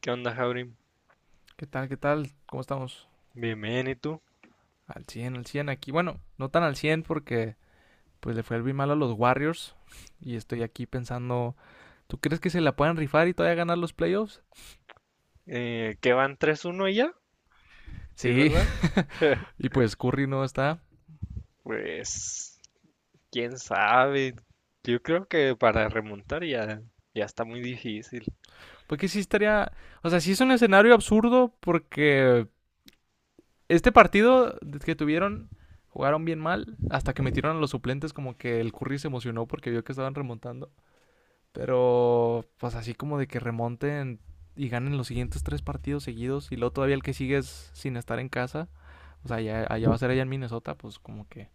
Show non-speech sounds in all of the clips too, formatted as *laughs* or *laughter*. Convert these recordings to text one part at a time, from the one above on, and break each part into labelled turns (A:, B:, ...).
A: ¿Qué onda, Jaurim?
B: ¿Qué tal? ¿Qué tal? ¿Cómo estamos?
A: Bien, bien, ¿y tú?
B: Al 100 aquí. Bueno, no tan al 100 porque pues le fue el bien mal a los Warriors y estoy aquí pensando, ¿tú crees que se la puedan rifar y todavía ganar los playoffs?
A: ¿Qué van 3-1 ya? Sí,
B: Sí.
A: ¿verdad?
B: *laughs* Y pues Curry no está.
A: Pues, quién sabe. Yo creo que para remontar ya, ya está muy difícil.
B: Porque sí estaría, o sea, sí es un escenario absurdo porque este partido que tuvieron jugaron bien mal hasta que metieron a los suplentes, como que el Curry se emocionó porque vio que estaban remontando. Pero pues así como de que remonten y ganen los siguientes tres partidos seguidos y luego todavía el que sigue es sin estar en casa, o sea, allá, allá va a ser allá en Minnesota, pues como que...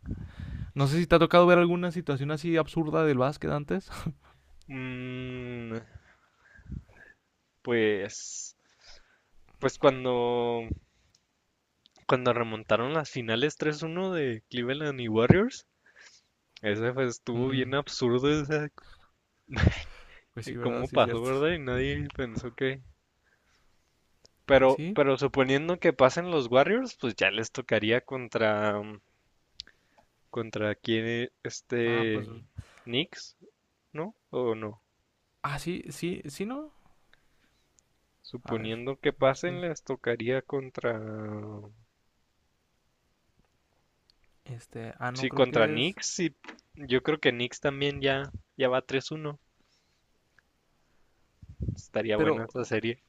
B: No sé si te ha tocado ver alguna situación así absurda del básquet antes. *laughs*
A: Mm, pues, pues cuando remontaron las finales 3-1 de Cleveland y Warriors, ese pues estuvo bien
B: Mm,
A: absurdo, o sea,
B: pues sí, ¿verdad?
A: cómo
B: Sí, es
A: pasó,
B: cierto.
A: ¿verdad? Y
B: *laughs*
A: nadie pensó que...
B: Pues
A: Pero,
B: sí.
A: pero suponiendo que pasen los Warriors, pues ya les tocaría contra... contra quién
B: Ah, pues...
A: Knicks, ¿no? ¿O no?
B: Ah, sí, sí, sí, ¿no? A ver,
A: Suponiendo que
B: no sé.
A: pasen, les tocaría contra...
B: Este, no,
A: Sí,
B: creo
A: contra
B: que es...
A: Knicks, y yo creo que Knicks también ya, ya va 3-1. Estaría buena
B: Pero,
A: esa serie.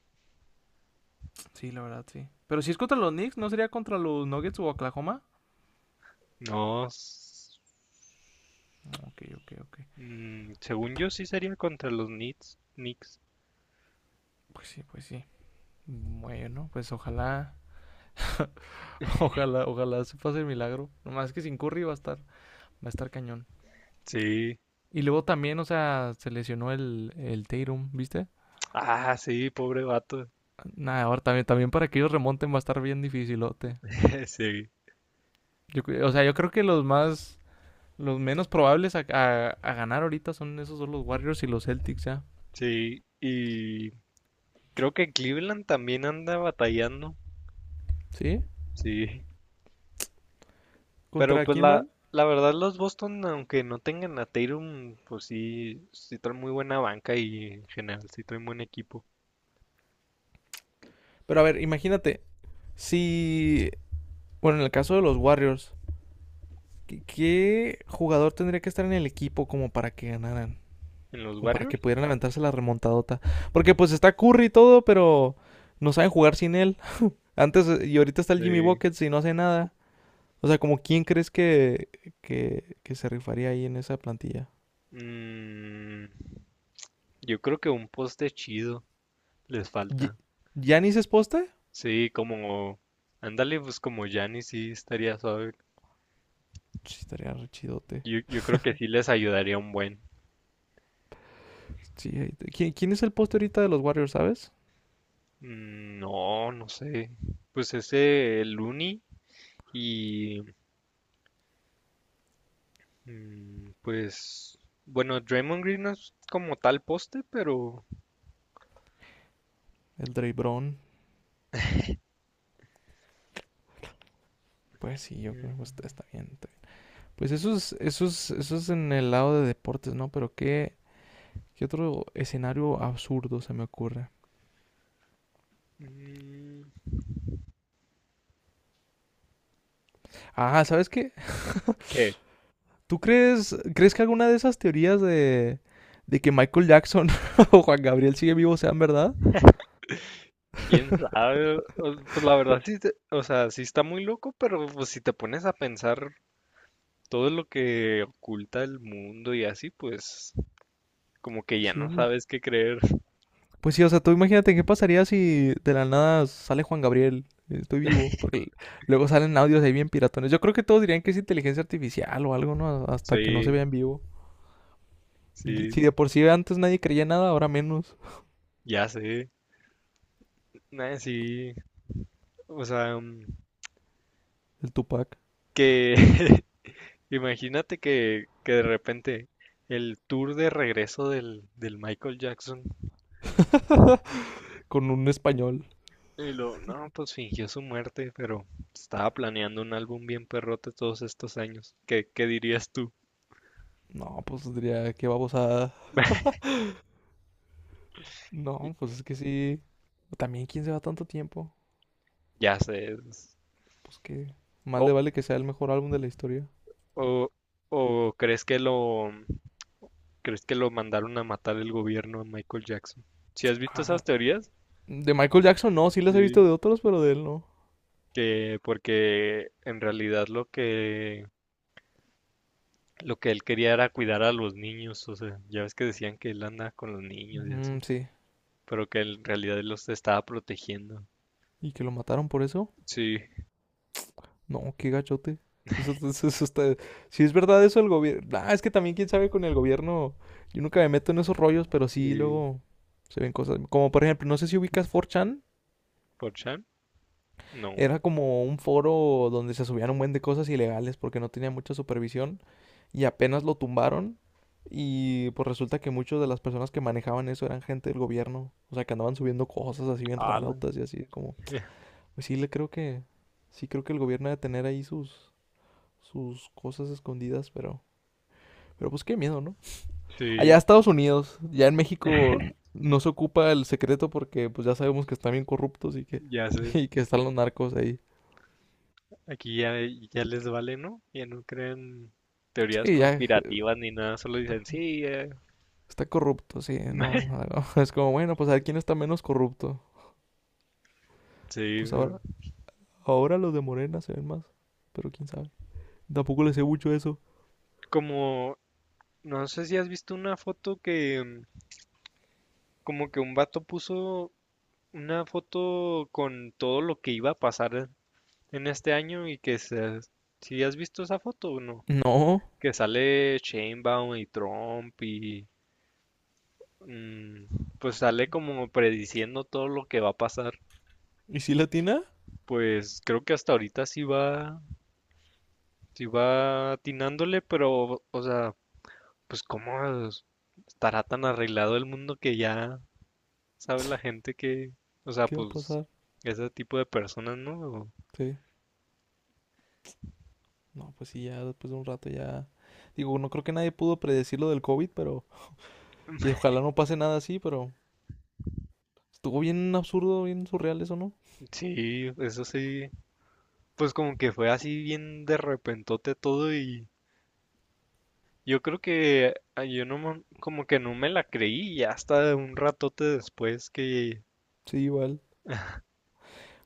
B: sí, la verdad, sí. Pero si es contra los Knicks, ¿no sería contra los Nuggets o Oklahoma?
A: No,
B: Ok, ok, ok.
A: según yo sí sería contra los Knicks. Knicks.
B: Pues sí, pues sí. Bueno, pues ojalá, *laughs* ojalá, ojalá se pase el milagro. Nomás que sin Curry va a estar cañón.
A: Sí.
B: Y luego también, o sea, se lesionó el Tatum, ¿viste?
A: Ah, sí, pobre vato.
B: Nada, ahora también, también para que ellos remonten va a estar bien dificilote.
A: *laughs* Sí,
B: Yo, o sea, yo creo que los más, los menos probables a, a ganar ahorita son esos, son los Warriors y los Celtics, ¿ya?
A: sí. Y creo que Cleveland también anda batallando.
B: ¿Sí?
A: Sí. Pero
B: ¿Contra
A: pues
B: quién
A: la,
B: man?
A: la verdad, los Boston, aunque no tengan a Tatum, pues sí, sí traen muy buena banca y en general sí traen buen equipo.
B: Pero a ver, imagínate, si, bueno, en el caso de los Warriors, ¿qué, qué jugador tendría que estar en el equipo como para que ganaran?
A: En los
B: Como para que
A: Warriors,
B: pudieran aventarse la remontadota. Porque pues está Curry y todo, pero no saben jugar sin él. Antes y ahorita está el Jimmy
A: sí.
B: Buckets y no hace nada. O sea, como quién crees que se rifaría ahí en esa plantilla.
A: Mm, yo creo que un poste chido les
B: Ye-
A: falta.
B: ¿Giannis es poste?
A: Sí, como, ándale, pues como Giannis sí estaría suave.
B: Sí, estaría re chidote.
A: Yo creo que sí les ayudaría un buen.
B: Sí, ahí ¿quién, quién es el poste ahorita de los Warriors, sabes?
A: Mm. No, no sé. Pues ese Looney y... Pues bueno, Draymond Green no es como tal poste, pero
B: El Dre Brown. Pues sí, yo creo que
A: mm,
B: está, está bien, está bien. Pues eso es, eso es, eso es en el lado de deportes, ¿no? Pero qué, ¿qué otro escenario absurdo se me ocurre? Ah, ¿sabes qué?
A: ¿Qué?
B: *laughs* ¿Tú crees, crees que alguna de esas teorías de que Michael Jackson *laughs* o Juan Gabriel sigue vivo sean verdad?
A: ¿Quién
B: *laughs*
A: sabe? Pues la verdad sí, o sea, sí está muy loco, pero pues si te pones a pensar todo lo que oculta el mundo y así, pues como que
B: Pues
A: ya
B: sí,
A: no
B: pues.
A: sabes qué creer.
B: Pues sí, o sea, tú imagínate qué pasaría si de la nada sale Juan Gabriel. Estoy vivo. Porque luego salen audios ahí bien piratones. Yo creo que todos dirían que es inteligencia artificial o algo, ¿no? Hasta que no se
A: Sí,
B: vea en vivo. Y
A: sí,
B: si de por sí antes nadie creía nada, ahora menos.
A: ya sé. Nah, sí, o sea,
B: El Tupac.
A: que *laughs* imagínate que de repente el tour de regreso del Michael Jackson.
B: Con un español.
A: Y lo, no, pues fingió su muerte, pero estaba planeando un álbum bien perrote todos estos años. ¿Qué dirías tú?
B: No, pues diría, qué babosada.
A: *laughs* Y-
B: No, pues es que sí. También, ¿quién se va tanto tiempo?
A: Ya sé.
B: Pues que más le
A: O,
B: vale que sea el mejor álbum de la historia.
A: o, o crees que lo mandaron a matar el gobierno a Michael Jackson. ¿Si has visto
B: Ah,
A: esas teorías?
B: de Michael Jackson no, sí los he visto
A: Sí.
B: de otros, pero de él no.
A: Que porque en realidad lo que él quería era cuidar a los niños, o sea, ya ves que decían que él anda con los niños y
B: Mm,
A: así,
B: sí.
A: pero que en realidad él los estaba protegiendo.
B: ¿Y que lo mataron por eso?
A: Sí,
B: No, qué gachote. Eso, eso está... Si es verdad eso, el gobierno... Ah, es que también quién sabe con el gobierno... Yo nunca me meto en esos rollos, pero sí
A: sí.
B: luego se ven cosas. Como por ejemplo, no sé si ubicas 4chan.
A: ¿Por Chan? No.
B: Era como un foro donde se subían un buen de cosas ilegales porque no tenía mucha supervisión y apenas lo tumbaron y pues resulta que muchas de las personas que manejaban eso eran gente del gobierno, o sea, que andaban subiendo cosas así bien
A: Ala.
B: rarotas y así como,
A: *laughs*
B: pues sí le creo que sí creo que el gobierno debe tener ahí sus sus cosas escondidas, pero pues qué miedo, ¿no? Allá
A: Sí,
B: Estados Unidos, ya en México no se ocupa el secreto porque pues ya sabemos que están bien corruptos y que
A: ya
B: *laughs*
A: sé.
B: y que están los narcos ahí.
A: Aquí ya, ya les vale, ¿no? Ya no creen teorías
B: Sí, ya
A: conspirativas ni nada, solo dicen sí, eh".
B: está corrupto, sí, no, *laughs*
A: *laughs*
B: no, no. Es como, bueno, pues a ver quién está menos corrupto.
A: Sí,
B: Pues
A: pero
B: ahora, ahora los de Morena se ven más. Pero quién sabe. Tampoco le sé mucho eso.
A: como no sé si has visto una foto que... Como que un vato puso una foto con todo lo que iba a pasar en este año y que se, si has visto esa foto o no,
B: No.
A: que sale Sheinbaum y Trump y... Mm, pues sale como prediciendo todo lo que va a pasar.
B: ¿Y si latina?
A: Pues creo que hasta ahorita sí va, atinándole, pero, o sea, pues cómo estará tan arreglado el mundo que ya sabe la
B: *sniffs*
A: gente que, o sea,
B: ¿Qué va a
A: pues
B: pasar?
A: ese tipo de personas, ¿no?
B: Sí. No, pues sí, ya después de un rato ya. Digo, no creo que nadie pudo predecir lo del COVID, pero. Y
A: *laughs*
B: ojalá no pase nada así, pero. Estuvo bien absurdo, bien surreal eso, ¿no?
A: Sí, eso sí, pues como que fue así bien de repentote todo, y yo creo que yo no, como que no me la creí ya hasta un ratote después que
B: Sí, igual.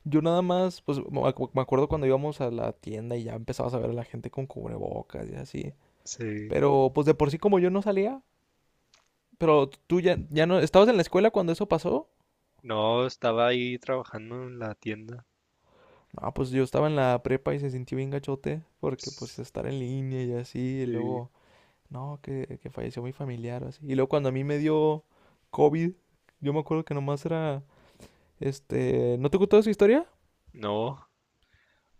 B: Yo nada más, pues me acuerdo cuando íbamos a la tienda y ya empezabas a ver a la gente con cubrebocas y así.
A: se...
B: Pero pues de por sí como yo no salía, pero tú ya, ya no, ¿estabas en la escuela cuando eso pasó?
A: No, estaba ahí trabajando en la tienda.
B: Ah, pues yo estaba en la prepa y se sintió bien gachote, porque pues
A: Ps,
B: estar en línea y así, y
A: sí.
B: luego, no, que falleció mi familiar o así. Y luego cuando a mí me dio COVID, yo me acuerdo que nomás era, este, ¿no te contó esa historia?
A: No.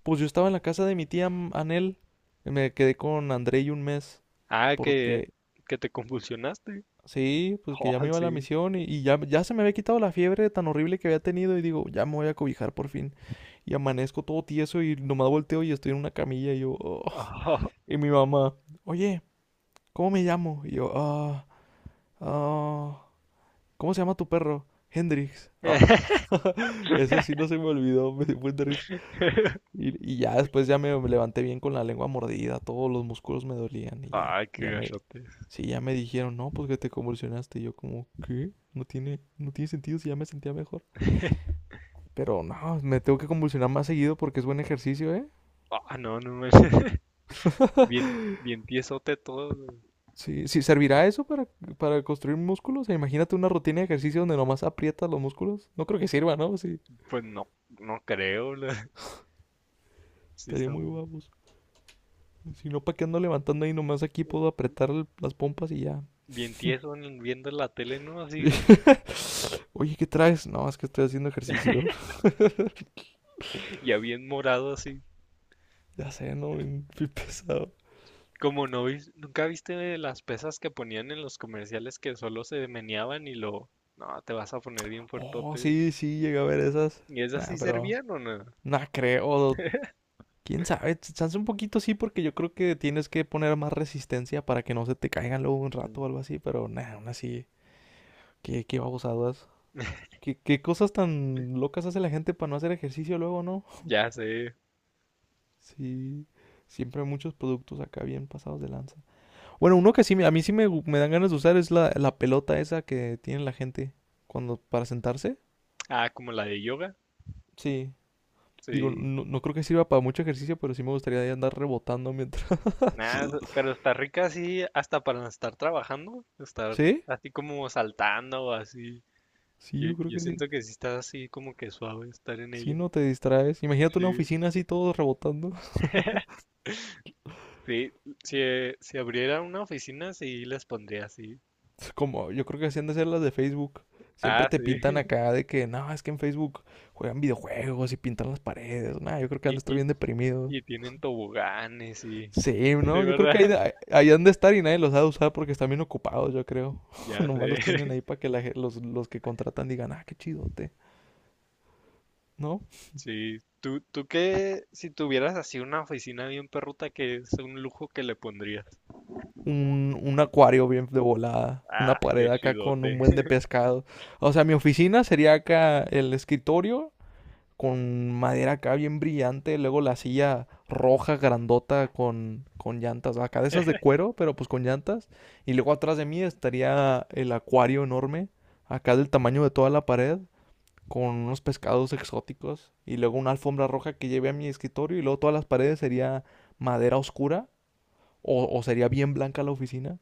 B: Pues yo estaba en la casa de mi tía Anel, me quedé con André y un mes,
A: Ah, que,
B: porque
A: que te convulsionaste.
B: sí, pues que ya
A: Ah,
B: me iba a la
A: sí.
B: misión y ya, ya se me había quitado la fiebre tan horrible que había tenido y digo, ya me voy a cobijar por fin. Y amanezco todo tieso y nomás volteo y estoy en una camilla y yo, "Oh".
A: Ah.
B: Y mi mamá, oye, ¿cómo me llamo? Y yo, ah, ¿cómo se llama tu perro? Hendrix. Ah.
A: *laughs*
B: *laughs* Eso sí no se me olvidó, me dio un, y ya después ya me levanté bien con la lengua mordida, todos los músculos me dolían y ya,
A: Ay, qué
B: ya me,
A: gachote.
B: sí, ya me dijeron, no, pues que te convulsionaste. Y yo como, ¿qué? No tiene, no tiene sentido si ya me sentía mejor. Pero no, me tengo que convulsionar más seguido porque es buen ejercicio, ¿eh?
A: Ah, no, no me. *laughs* Bien,
B: *laughs*
A: bien tiesote todo.
B: Sí, sí, ¿servirá eso para construir músculos? O sea, imagínate una rutina de ejercicio donde nomás aprietas los músculos. No creo que sirva, ¿no? Sí,
A: Pues no, no creo. *laughs* Sí,
B: estaría
A: está
B: muy
A: muy.
B: guapos. Si no, ¿para qué ando levantando ahí? Nomás aquí puedo apretar las pompas y ya.
A: Bien
B: *laughs*
A: tieso viendo la tele, ¿no? Así,
B: *laughs* Oye, ¿qué traes? No, es que estoy haciendo ejercicio. *laughs*
A: ya bien morado, así.
B: Ya sé, no, bien, pesado.
A: Como ¿nunca viste las pesas que ponían en los comerciales que solo se meneaban y lo? No, te vas a poner bien
B: Oh,
A: fuertote.
B: sí, sí, llegué a ver esas.
A: ¿Y esas
B: Nah,
A: sí
B: pero
A: servían o no?
B: no creo. ¿Quién sabe? Chance un poquito sí, porque yo creo que tienes que poner más resistencia para que no se te caigan luego un rato
A: Mm.
B: o algo así, pero nah, aún así, qué, qué babosadas. ¿Qué, qué cosas tan locas hace la gente para no hacer ejercicio luego, ¿no?
A: Ya sé.
B: Sí, siempre hay muchos productos acá bien pasados de lanza. Bueno, uno que sí, a mí sí me, me dan ganas de usar es la, la pelota esa que tiene la gente cuando para sentarse.
A: Ah, como la de yoga.
B: Sí, digo,
A: Sí.
B: no, no creo que sirva para mucho ejercicio, pero sí me gustaría de andar rebotando mientras.
A: Nada, pero está rica así hasta para estar trabajando,
B: *laughs*
A: estar
B: ¿Sí?
A: así como saltando o así.
B: Sí,
A: Yo,
B: yo creo
A: yo
B: que sí.
A: siento que sí está así como que suave estar en
B: Sí,
A: ella.
B: no te distraes. Imagínate una
A: Sí.
B: oficina así todos rebotando.
A: Sí, si abriera una oficina, sí les pondría así.
B: *laughs* Como yo creo que así han de ser las de Facebook. Siempre
A: Ah,
B: te
A: sí.
B: pintan
A: *laughs*
B: acá de que, no, es que en Facebook juegan videojuegos y pintan las paredes. Nah, yo creo que han
A: Y,
B: de estar
A: y,
B: bien deprimidos.
A: y tienen toboganes y...
B: Sí,
A: Sí,
B: ¿no? Yo creo que ahí,
A: ¿verdad? *laughs*
B: ahí han de estar y nadie los ha de usar porque están bien ocupados, yo creo. *laughs*
A: Ya
B: Nomás los
A: sé.
B: tienen ahí para que la los que contratan digan, ah, qué chidote, ¿no?
A: Sí, tú qué, si tuvieras así una oficina bien perruta, que es un lujo que le pondrías?
B: Un acuario bien de volada, una
A: Ah,
B: pared
A: qué
B: acá con un
A: chidote.
B: buen de pescado. O sea, mi oficina sería acá el escritorio con madera acá bien brillante, luego la silla roja grandota con llantas, acá de esas de cuero, pero pues con llantas. Y luego atrás de mí estaría el acuario enorme, acá del tamaño de toda la pared, con unos pescados exóticos y luego una alfombra roja que lleve a mi escritorio y luego todas las paredes sería madera oscura o sería bien blanca la oficina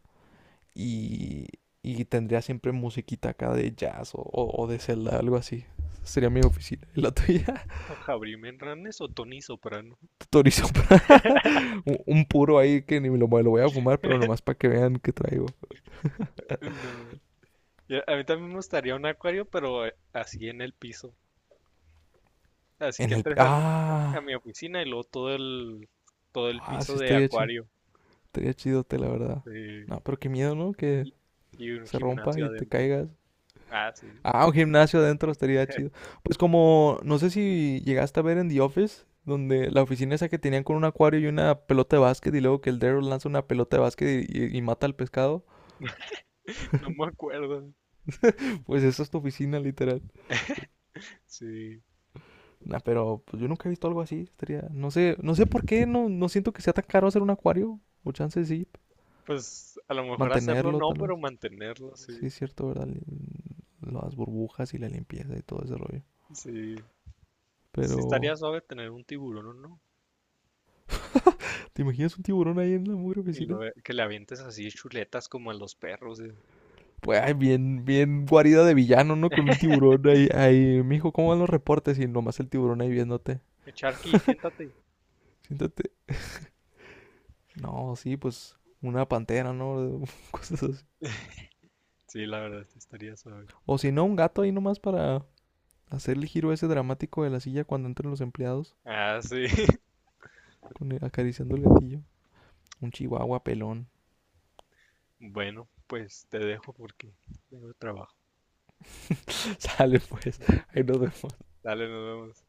B: y, y tendría siempre musiquita acá de jazz o, o de celda, algo así. Sería mi oficina. ¿Y la tuya?
A: *laughs* Javier Menranes o Tony Soprano. *laughs*
B: *laughs* Torizo. Un puro ahí que ni me lo, me lo voy a fumar, pero nomás para que vean que traigo.
A: No. Ya, a mí también me gustaría un acuario, pero así en el piso. Así
B: En
A: que
B: el...
A: entres a, mi a
B: Ah,
A: mi oficina y luego todo el
B: ah,
A: piso
B: sí
A: de
B: estaría chido.
A: acuario.
B: Estaría chidote, la verdad.
A: Sí,
B: No, pero qué miedo, ¿no? Que
A: y, y un
B: se rompa
A: gimnasio
B: y te
A: adentro.
B: caigas.
A: Ah, sí.
B: Ah, un gimnasio adentro estaría chido. Pues como, no sé si llegaste a ver en The Office, donde la oficina esa que tenían con un acuario y una pelota de básquet, y luego que el Daryl lanza una pelota de básquet y, y mata al pescado.
A: No me
B: *laughs*
A: acuerdo.
B: Pues esa es tu oficina, literal.
A: Sí.
B: Nah, pero pues yo nunca he visto algo así. Estaría, no sé, no sé por qué, no, no siento que sea tan caro hacer un acuario. O chance sí,
A: Pues a lo mejor hacerlo
B: mantenerlo
A: no,
B: tal vez.
A: pero mantenerlo, sí.
B: Sí, es cierto, ¿verdad? Las burbujas y la limpieza y todo ese rollo.
A: Sí. Sí estaría
B: Pero,
A: suave tener un tiburón, ¿o no?
B: *laughs* ¿te imaginas un tiburón ahí en la mugre
A: Y
B: oficina?
A: luego que le avientes así chuletas como a los perros.
B: Pues ay, bien, bien guarida de villano, ¿no? Con un tiburón ahí, ahí, mijo, ¿cómo van los reportes? Y nomás el tiburón ahí viéndote.
A: Sharky,
B: *laughs*
A: siéntate.
B: Siéntate. No, sí, pues una pantera, ¿no? *laughs* Cosas así.
A: Sí, la verdad, sí estaría suave.
B: O si no, un gato ahí nomás para hacer el giro ese dramático de la silla cuando entran los empleados,
A: Ah, sí. *laughs*
B: con acariciando el gatillo. Un chihuahua pelón.
A: Bueno, pues te dejo porque tengo trabajo.
B: *laughs* Sale pues, ahí nos vemos.
A: Dale, nos vemos.